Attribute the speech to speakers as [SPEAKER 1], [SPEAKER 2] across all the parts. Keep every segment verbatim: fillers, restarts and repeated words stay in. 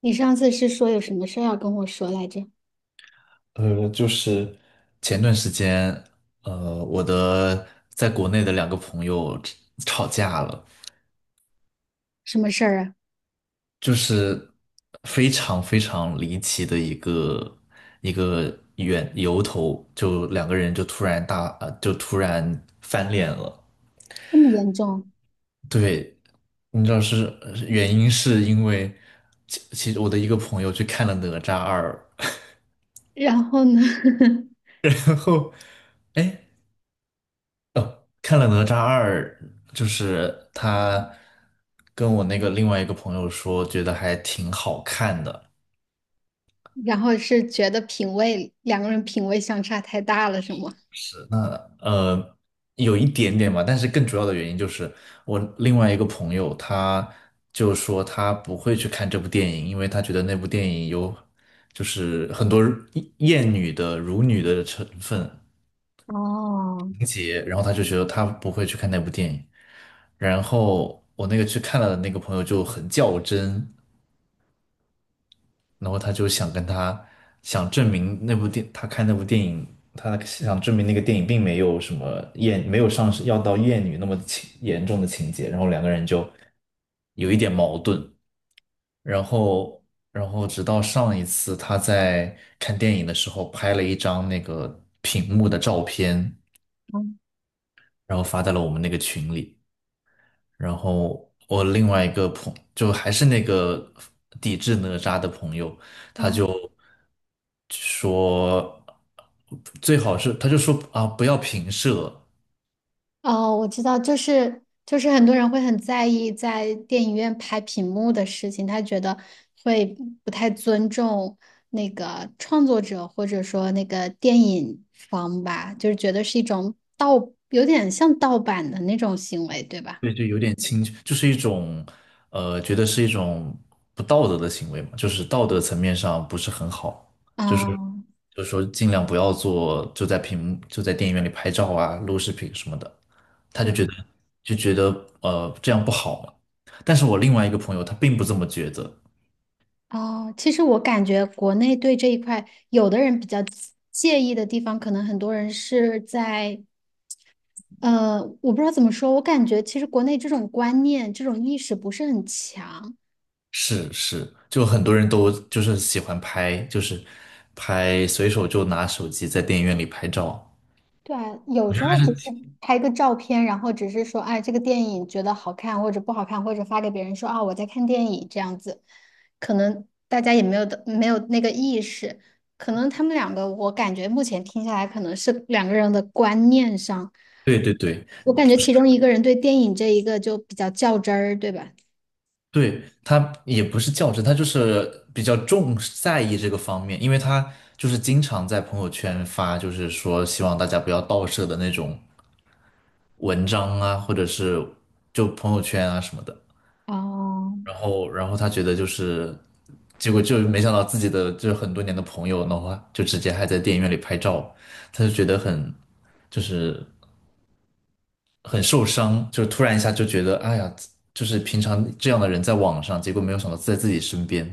[SPEAKER 1] 你上次是说有什么事儿要跟我说来着？
[SPEAKER 2] 呃，就是前段时间，呃，我的在国内的两个朋友吵架了。
[SPEAKER 1] 什么事儿啊？
[SPEAKER 2] 就是非常非常离奇的一个一个缘由头，就两个人就突然大，呃，就突然翻脸了。
[SPEAKER 1] 这么严重？
[SPEAKER 2] 对。你知道是呃原因是因为其其实我的一个朋友去看了《哪吒二》。
[SPEAKER 1] 然后呢？
[SPEAKER 2] 然后，哎。看了《哪吒二》，就是他跟我那个另外一个朋友说，觉得还挺好看的。
[SPEAKER 1] 然后是觉得品味，两个人品味相差太大了，是吗？
[SPEAKER 2] 呃，有一点点吧，但是更主要的原因就是我另外一个朋友他就说他不会去看这部电影，因为他觉得那部电影有就是很多厌女的、辱女的成分
[SPEAKER 1] 哦，
[SPEAKER 2] 情节，然后他就觉得他不会去看那部电影。然后我那个去看了的那个朋友就很较真。然后他就想跟他想证明那部电，他看那部电影，他想证明那个电影并没有什么厌，没有上升要到厌女那么情严重的情节，然后两个人就有一点矛盾。然后然后直到上一次他在看电影的时候拍了一张那个屏幕的照片，
[SPEAKER 1] 嗯
[SPEAKER 2] 然后发在了我们那个群里。然后我另外一个朋就还是那个抵制哪吒的朋友，他
[SPEAKER 1] 嗯，
[SPEAKER 2] 就说最好是他就说啊不要平射。
[SPEAKER 1] 哦，我知道，就是就是很多人会很在意在电影院拍屏幕的事情，他觉得会不太尊重那个创作者或者说那个电影方吧，就是觉得是一种盗，有点像盗版的那种行为，对吧？
[SPEAKER 2] 对，就有点轻，就是一种，呃，觉得是一种不道德的行为嘛，就是道德层面上不是很好，就是
[SPEAKER 1] 啊，
[SPEAKER 2] 就是说尽量不要做，就在屏幕就在电影院里拍照啊、录视频什么的。他就
[SPEAKER 1] 对
[SPEAKER 2] 觉得就觉得呃这样不好嘛。但是我另外一个朋友他并不这么觉得。
[SPEAKER 1] 啊，其实我感觉国内对这一块，有的人比较介意的地方，可能很多人是在呃，我不知道怎么说，我感觉其实国内这种观念、这种意识不是很强。
[SPEAKER 2] 是是，就很多人都就是喜欢拍，就是拍随手就拿手机在电影院里拍照。
[SPEAKER 1] 对啊，有时候只是拍个照片，然后只是说，哎，这个电影觉得好看或者不好看，或者发给别人说啊，我在看电影这样子，可能大家也没有的没有那个意识，可能他们两个，我感觉目前听下来，可能是两个人的观念上，
[SPEAKER 2] 对对对。
[SPEAKER 1] 我感觉其中一个人对电影这一个就比较较真儿，对吧？
[SPEAKER 2] 对，他也不是较真，他就是比较重视在意这个方面，因为他就是经常在朋友圈发，就是说希望大家不要盗摄的那种文章啊，或者是就朋友圈啊什么的。
[SPEAKER 1] 哦，
[SPEAKER 2] 然后，然后他觉得就是，结果就没想到自己的就是很多年的朋友的话，就直接还在电影院里拍照。他就觉得很就是很受伤。就突然一下就觉得，哎呀，就是平常这样的人在网上，结果没有想到在自己身边。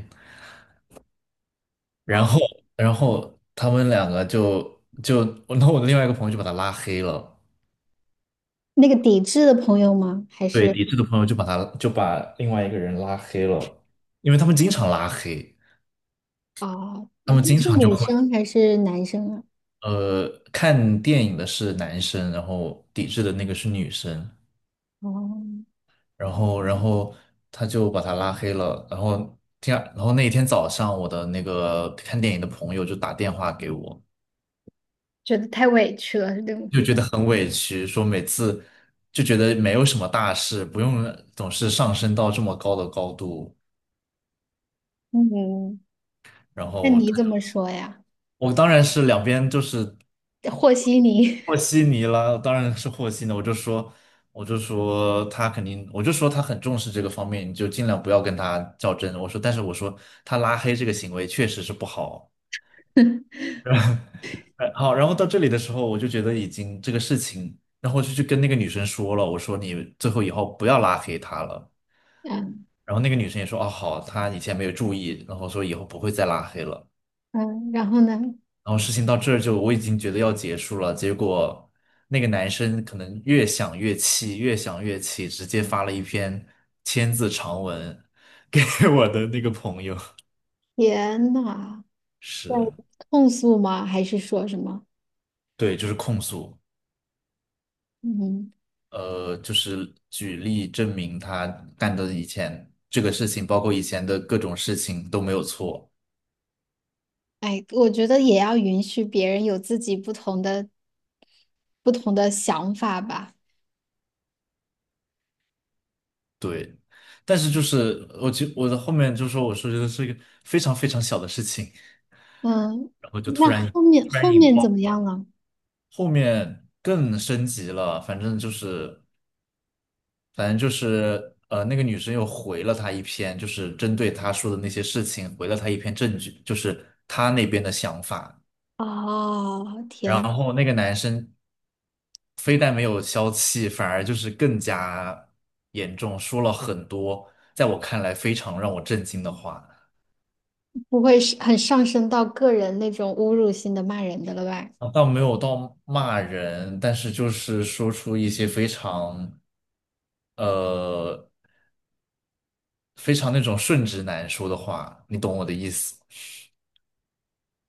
[SPEAKER 2] 然
[SPEAKER 1] 哦，
[SPEAKER 2] 后然后他们两个就就然后我的另外一个朋友就把他拉黑了。
[SPEAKER 1] 那个抵制的朋友吗？还
[SPEAKER 2] 对，
[SPEAKER 1] 是
[SPEAKER 2] 抵制的朋友就把他就把另外一个人拉黑了，因为他们经常拉黑。
[SPEAKER 1] 啊，哦
[SPEAKER 2] 他
[SPEAKER 1] 你
[SPEAKER 2] 们经
[SPEAKER 1] 是
[SPEAKER 2] 常就
[SPEAKER 1] 女
[SPEAKER 2] 会
[SPEAKER 1] 生还是男生啊？
[SPEAKER 2] 呃看电影的是男生，然后抵制的那个是女生。
[SPEAKER 1] 哦。
[SPEAKER 2] 然后然后他就把他拉黑了。然后第二然后那一天早上我的那个看电影的朋友就打电话给我。
[SPEAKER 1] 觉得太委屈了，对吗？
[SPEAKER 2] 就觉得很委屈，说每次就觉得没有什么大事，不用总是上升到这么高的高度。
[SPEAKER 1] 嗯，
[SPEAKER 2] 然
[SPEAKER 1] 那
[SPEAKER 2] 后
[SPEAKER 1] 你
[SPEAKER 2] 他
[SPEAKER 1] 怎
[SPEAKER 2] 就
[SPEAKER 1] 么说呀？
[SPEAKER 2] 我当然是两边就是
[SPEAKER 1] 和稀泥。
[SPEAKER 2] 和稀泥了，当然是和稀泥。我就说，我就说他肯定，我就说他很重视这个方面，你就尽量不要跟他较真。我说，但是我说他拉黑这个行为确实是不好。哎，好，然后到这里的时候，我就觉得已经这个事情，然后就去跟那个女生说了。我说你最后以后不要拉黑他了。
[SPEAKER 1] 嗯，
[SPEAKER 2] 然后那个女生也说，哦，好，她以前没有注意，然后说以后不会再拉黑了。
[SPEAKER 1] 嗯，然后呢？
[SPEAKER 2] 然后事情到这儿就我已经觉得要结束了，结果那个男生可能越想越气，越想越气，直接发了一篇千字长文给 我的那个朋友。
[SPEAKER 1] 天呐，在
[SPEAKER 2] 是。
[SPEAKER 1] 控诉吗？还是说什么？
[SPEAKER 2] 对，就是控诉。
[SPEAKER 1] 嗯，
[SPEAKER 2] 呃，就是举例证明他干的以前这个事情，包括以前的各种事情都没有错。
[SPEAKER 1] 哎，我觉得也要允许别人有自己不同的不同的想法吧。
[SPEAKER 2] 对，但是就是我觉我的后面就说我说觉得是一个非常非常小的事情。
[SPEAKER 1] 嗯，
[SPEAKER 2] 然后就突
[SPEAKER 1] 那
[SPEAKER 2] 然
[SPEAKER 1] 后面
[SPEAKER 2] 突
[SPEAKER 1] 后
[SPEAKER 2] 然引
[SPEAKER 1] 面怎
[SPEAKER 2] 爆
[SPEAKER 1] 么样
[SPEAKER 2] 了。
[SPEAKER 1] 了？
[SPEAKER 2] 后面更升级了。反正就是反正就是呃那个女生又回了他一篇，就是针对他说的那些事情回了他一篇证据，就是他那边的想法。
[SPEAKER 1] 哦，天，
[SPEAKER 2] 然后那个男生非但没有消气，反而就是更加严重，说了很多在我看来非常让我震惊的话。
[SPEAKER 1] 不会是很上升到个人那种侮辱性的骂人的了吧？
[SPEAKER 2] 啊，倒没有到骂人，但是就是说出一些非常呃非常那种顺直男说的话，你懂我的意思吗？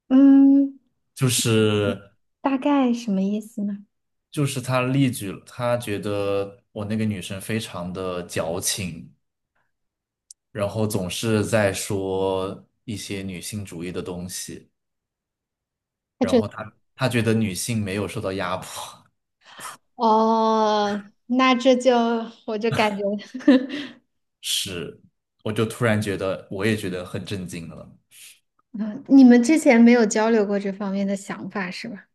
[SPEAKER 1] 嗯，
[SPEAKER 2] 就是
[SPEAKER 1] 大概什么意思呢？
[SPEAKER 2] 就是他例举了，他觉得我那个女生非常的矫情，然后总是在说一些女性主义的东西，
[SPEAKER 1] 他
[SPEAKER 2] 然
[SPEAKER 1] 觉
[SPEAKER 2] 后
[SPEAKER 1] 得
[SPEAKER 2] 他他觉得女性没有受到压迫。
[SPEAKER 1] 哦，那这就我就感觉，
[SPEAKER 2] 是，我就突然觉得我也觉得很震惊了。
[SPEAKER 1] 嗯你们之前没有交流过这方面的想法是吧？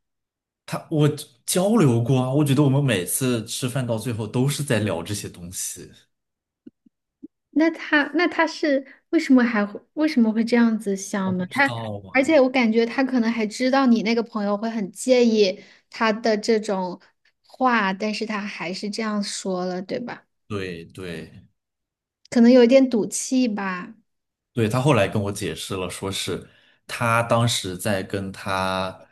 [SPEAKER 2] 他我交流过啊，我觉得我们每次吃饭到最后都是在聊这些东西。
[SPEAKER 1] 那他那他是为什么还会为什么会这样子
[SPEAKER 2] 我
[SPEAKER 1] 想
[SPEAKER 2] 不
[SPEAKER 1] 呢？
[SPEAKER 2] 知
[SPEAKER 1] 他
[SPEAKER 2] 道
[SPEAKER 1] 而
[SPEAKER 2] 啊。
[SPEAKER 1] 且我感觉他可能还知道你那个朋友会很介意他的这种话，但是他还是这样说了，对吧？
[SPEAKER 2] 对对
[SPEAKER 1] 可能有一点赌气吧。
[SPEAKER 2] 对。他后来跟我解释了，说是他当时在跟他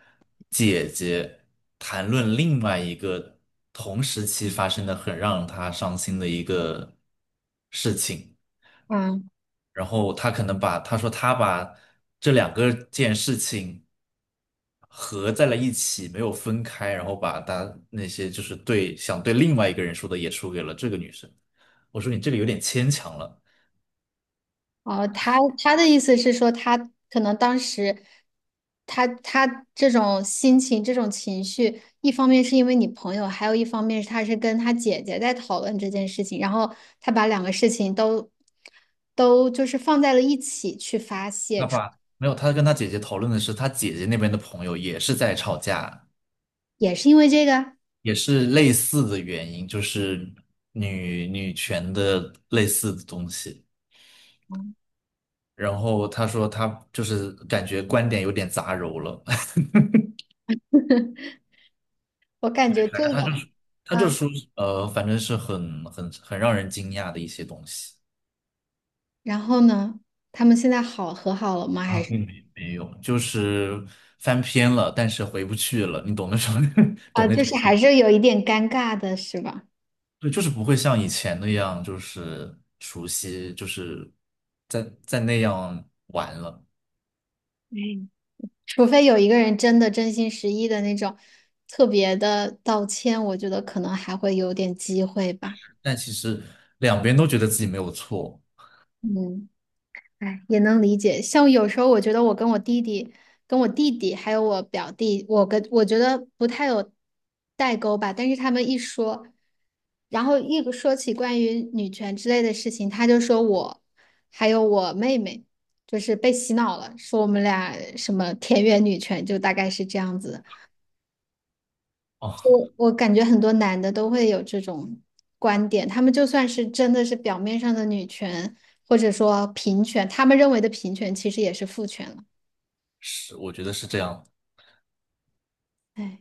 [SPEAKER 2] 姐姐谈论另外一个同时期发生的很让他伤心的一个事情。
[SPEAKER 1] 嗯。
[SPEAKER 2] 然后他可能把他说他把这两个件事情合在了一起，没有分开，然后把他那些就是对想对另外一个人说的也说给了这个女生。我说你这个有点牵强了。
[SPEAKER 1] 哦，他他的意思是说，他可能当时他他这种心情、这种情绪，一方面是因为你朋友，还有一方面是他是跟他姐姐在讨论这件事情，然后他把两个事情都都就是放在了一起去发泄
[SPEAKER 2] 他
[SPEAKER 1] 出，
[SPEAKER 2] 把没有，他跟他姐姐讨论的是他姐姐那边的朋友也是在吵架，
[SPEAKER 1] 也是因为这个，
[SPEAKER 2] 也是类似的原因，就是女女权的类似的东西。
[SPEAKER 1] 嗯
[SPEAKER 2] 然后他说他就是感觉观点有点杂糅了。
[SPEAKER 1] 我感觉这个，
[SPEAKER 2] 他这
[SPEAKER 1] 嗯，
[SPEAKER 2] 说，呃，反正是很很很让人惊讶的一些东西。
[SPEAKER 1] 然后呢，他们现在好和好了吗？
[SPEAKER 2] 啊，
[SPEAKER 1] 还是
[SPEAKER 2] 并没没有，就是翻篇了，但是回不去了，你懂那种，
[SPEAKER 1] 啊，
[SPEAKER 2] 懂那
[SPEAKER 1] 就
[SPEAKER 2] 种。
[SPEAKER 1] 是还是有一点尴尬的，是吧？
[SPEAKER 2] 对，就是不会像以前那样，就是熟悉，就是在在那样。
[SPEAKER 1] 嗯。除非有一个人真的真心实意的那种特别的道歉，我觉得可能还会有点机会吧。
[SPEAKER 2] 但其实两边都觉得自己没有错。
[SPEAKER 1] 嗯，哎，也能理解。像有时候我觉得我跟我弟弟、跟我弟弟还有我表弟，我跟我觉得不太有代沟吧。但是他们一说，然后一说起关于女权之类的事情，他就说我还有我妹妹就是被洗脑了，说我们俩什么田园女权，就大概是这样子的。
[SPEAKER 2] 哦，
[SPEAKER 1] 我我感觉很多男的都会有这种观点，他们就算是真的是表面上的女权，或者说平权，他们认为的平权其实也是父权了。
[SPEAKER 2] 是，我觉得是这样。
[SPEAKER 1] 哎，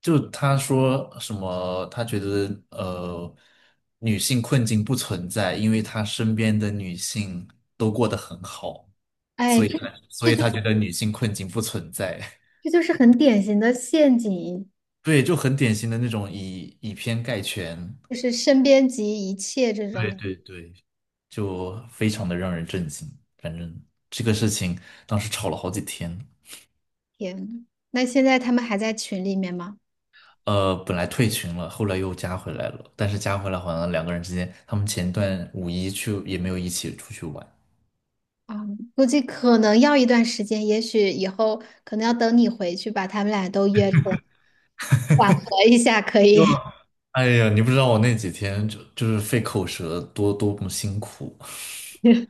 [SPEAKER 2] 就他说什么，他觉得呃，女性困境不存在，因为他身边的女性都过得很好。
[SPEAKER 1] 哎，
[SPEAKER 2] 所以
[SPEAKER 1] 这
[SPEAKER 2] 他所以他觉得女性困境不存在。
[SPEAKER 1] 这就是很典型的陷阱，
[SPEAKER 2] 对，就很典型的那种以以偏概全。
[SPEAKER 1] 就是身边及一切这
[SPEAKER 2] 对
[SPEAKER 1] 种。
[SPEAKER 2] 对对。就非常的让人震惊。反正这个事情当时吵了好几天。
[SPEAKER 1] 天，那现在他们还在群里面吗？
[SPEAKER 2] 呃，本来退群了，后来又加回来了，但是加回来好像两个人之间，他们前段五一去也没有一起出去玩。
[SPEAKER 1] 啊、估计可能要一段时间，也许以后可能要等你回去把他们俩都约出来，缓和一下可
[SPEAKER 2] 就
[SPEAKER 1] 以。
[SPEAKER 2] 哎呀，你不知道我那几天就就是费口舌多多么辛苦。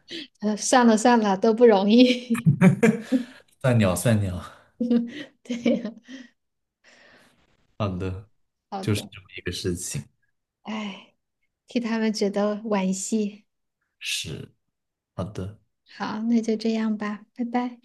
[SPEAKER 1] 呃，算了算了，都不容易。
[SPEAKER 2] 算鸟算鸟。
[SPEAKER 1] 对呀，
[SPEAKER 2] 好的，
[SPEAKER 1] 好
[SPEAKER 2] 就是
[SPEAKER 1] 的，
[SPEAKER 2] 这么一个事情。
[SPEAKER 1] 哎，替他们觉得惋惜。
[SPEAKER 2] 是。好的。
[SPEAKER 1] 好，那就这样吧，拜拜。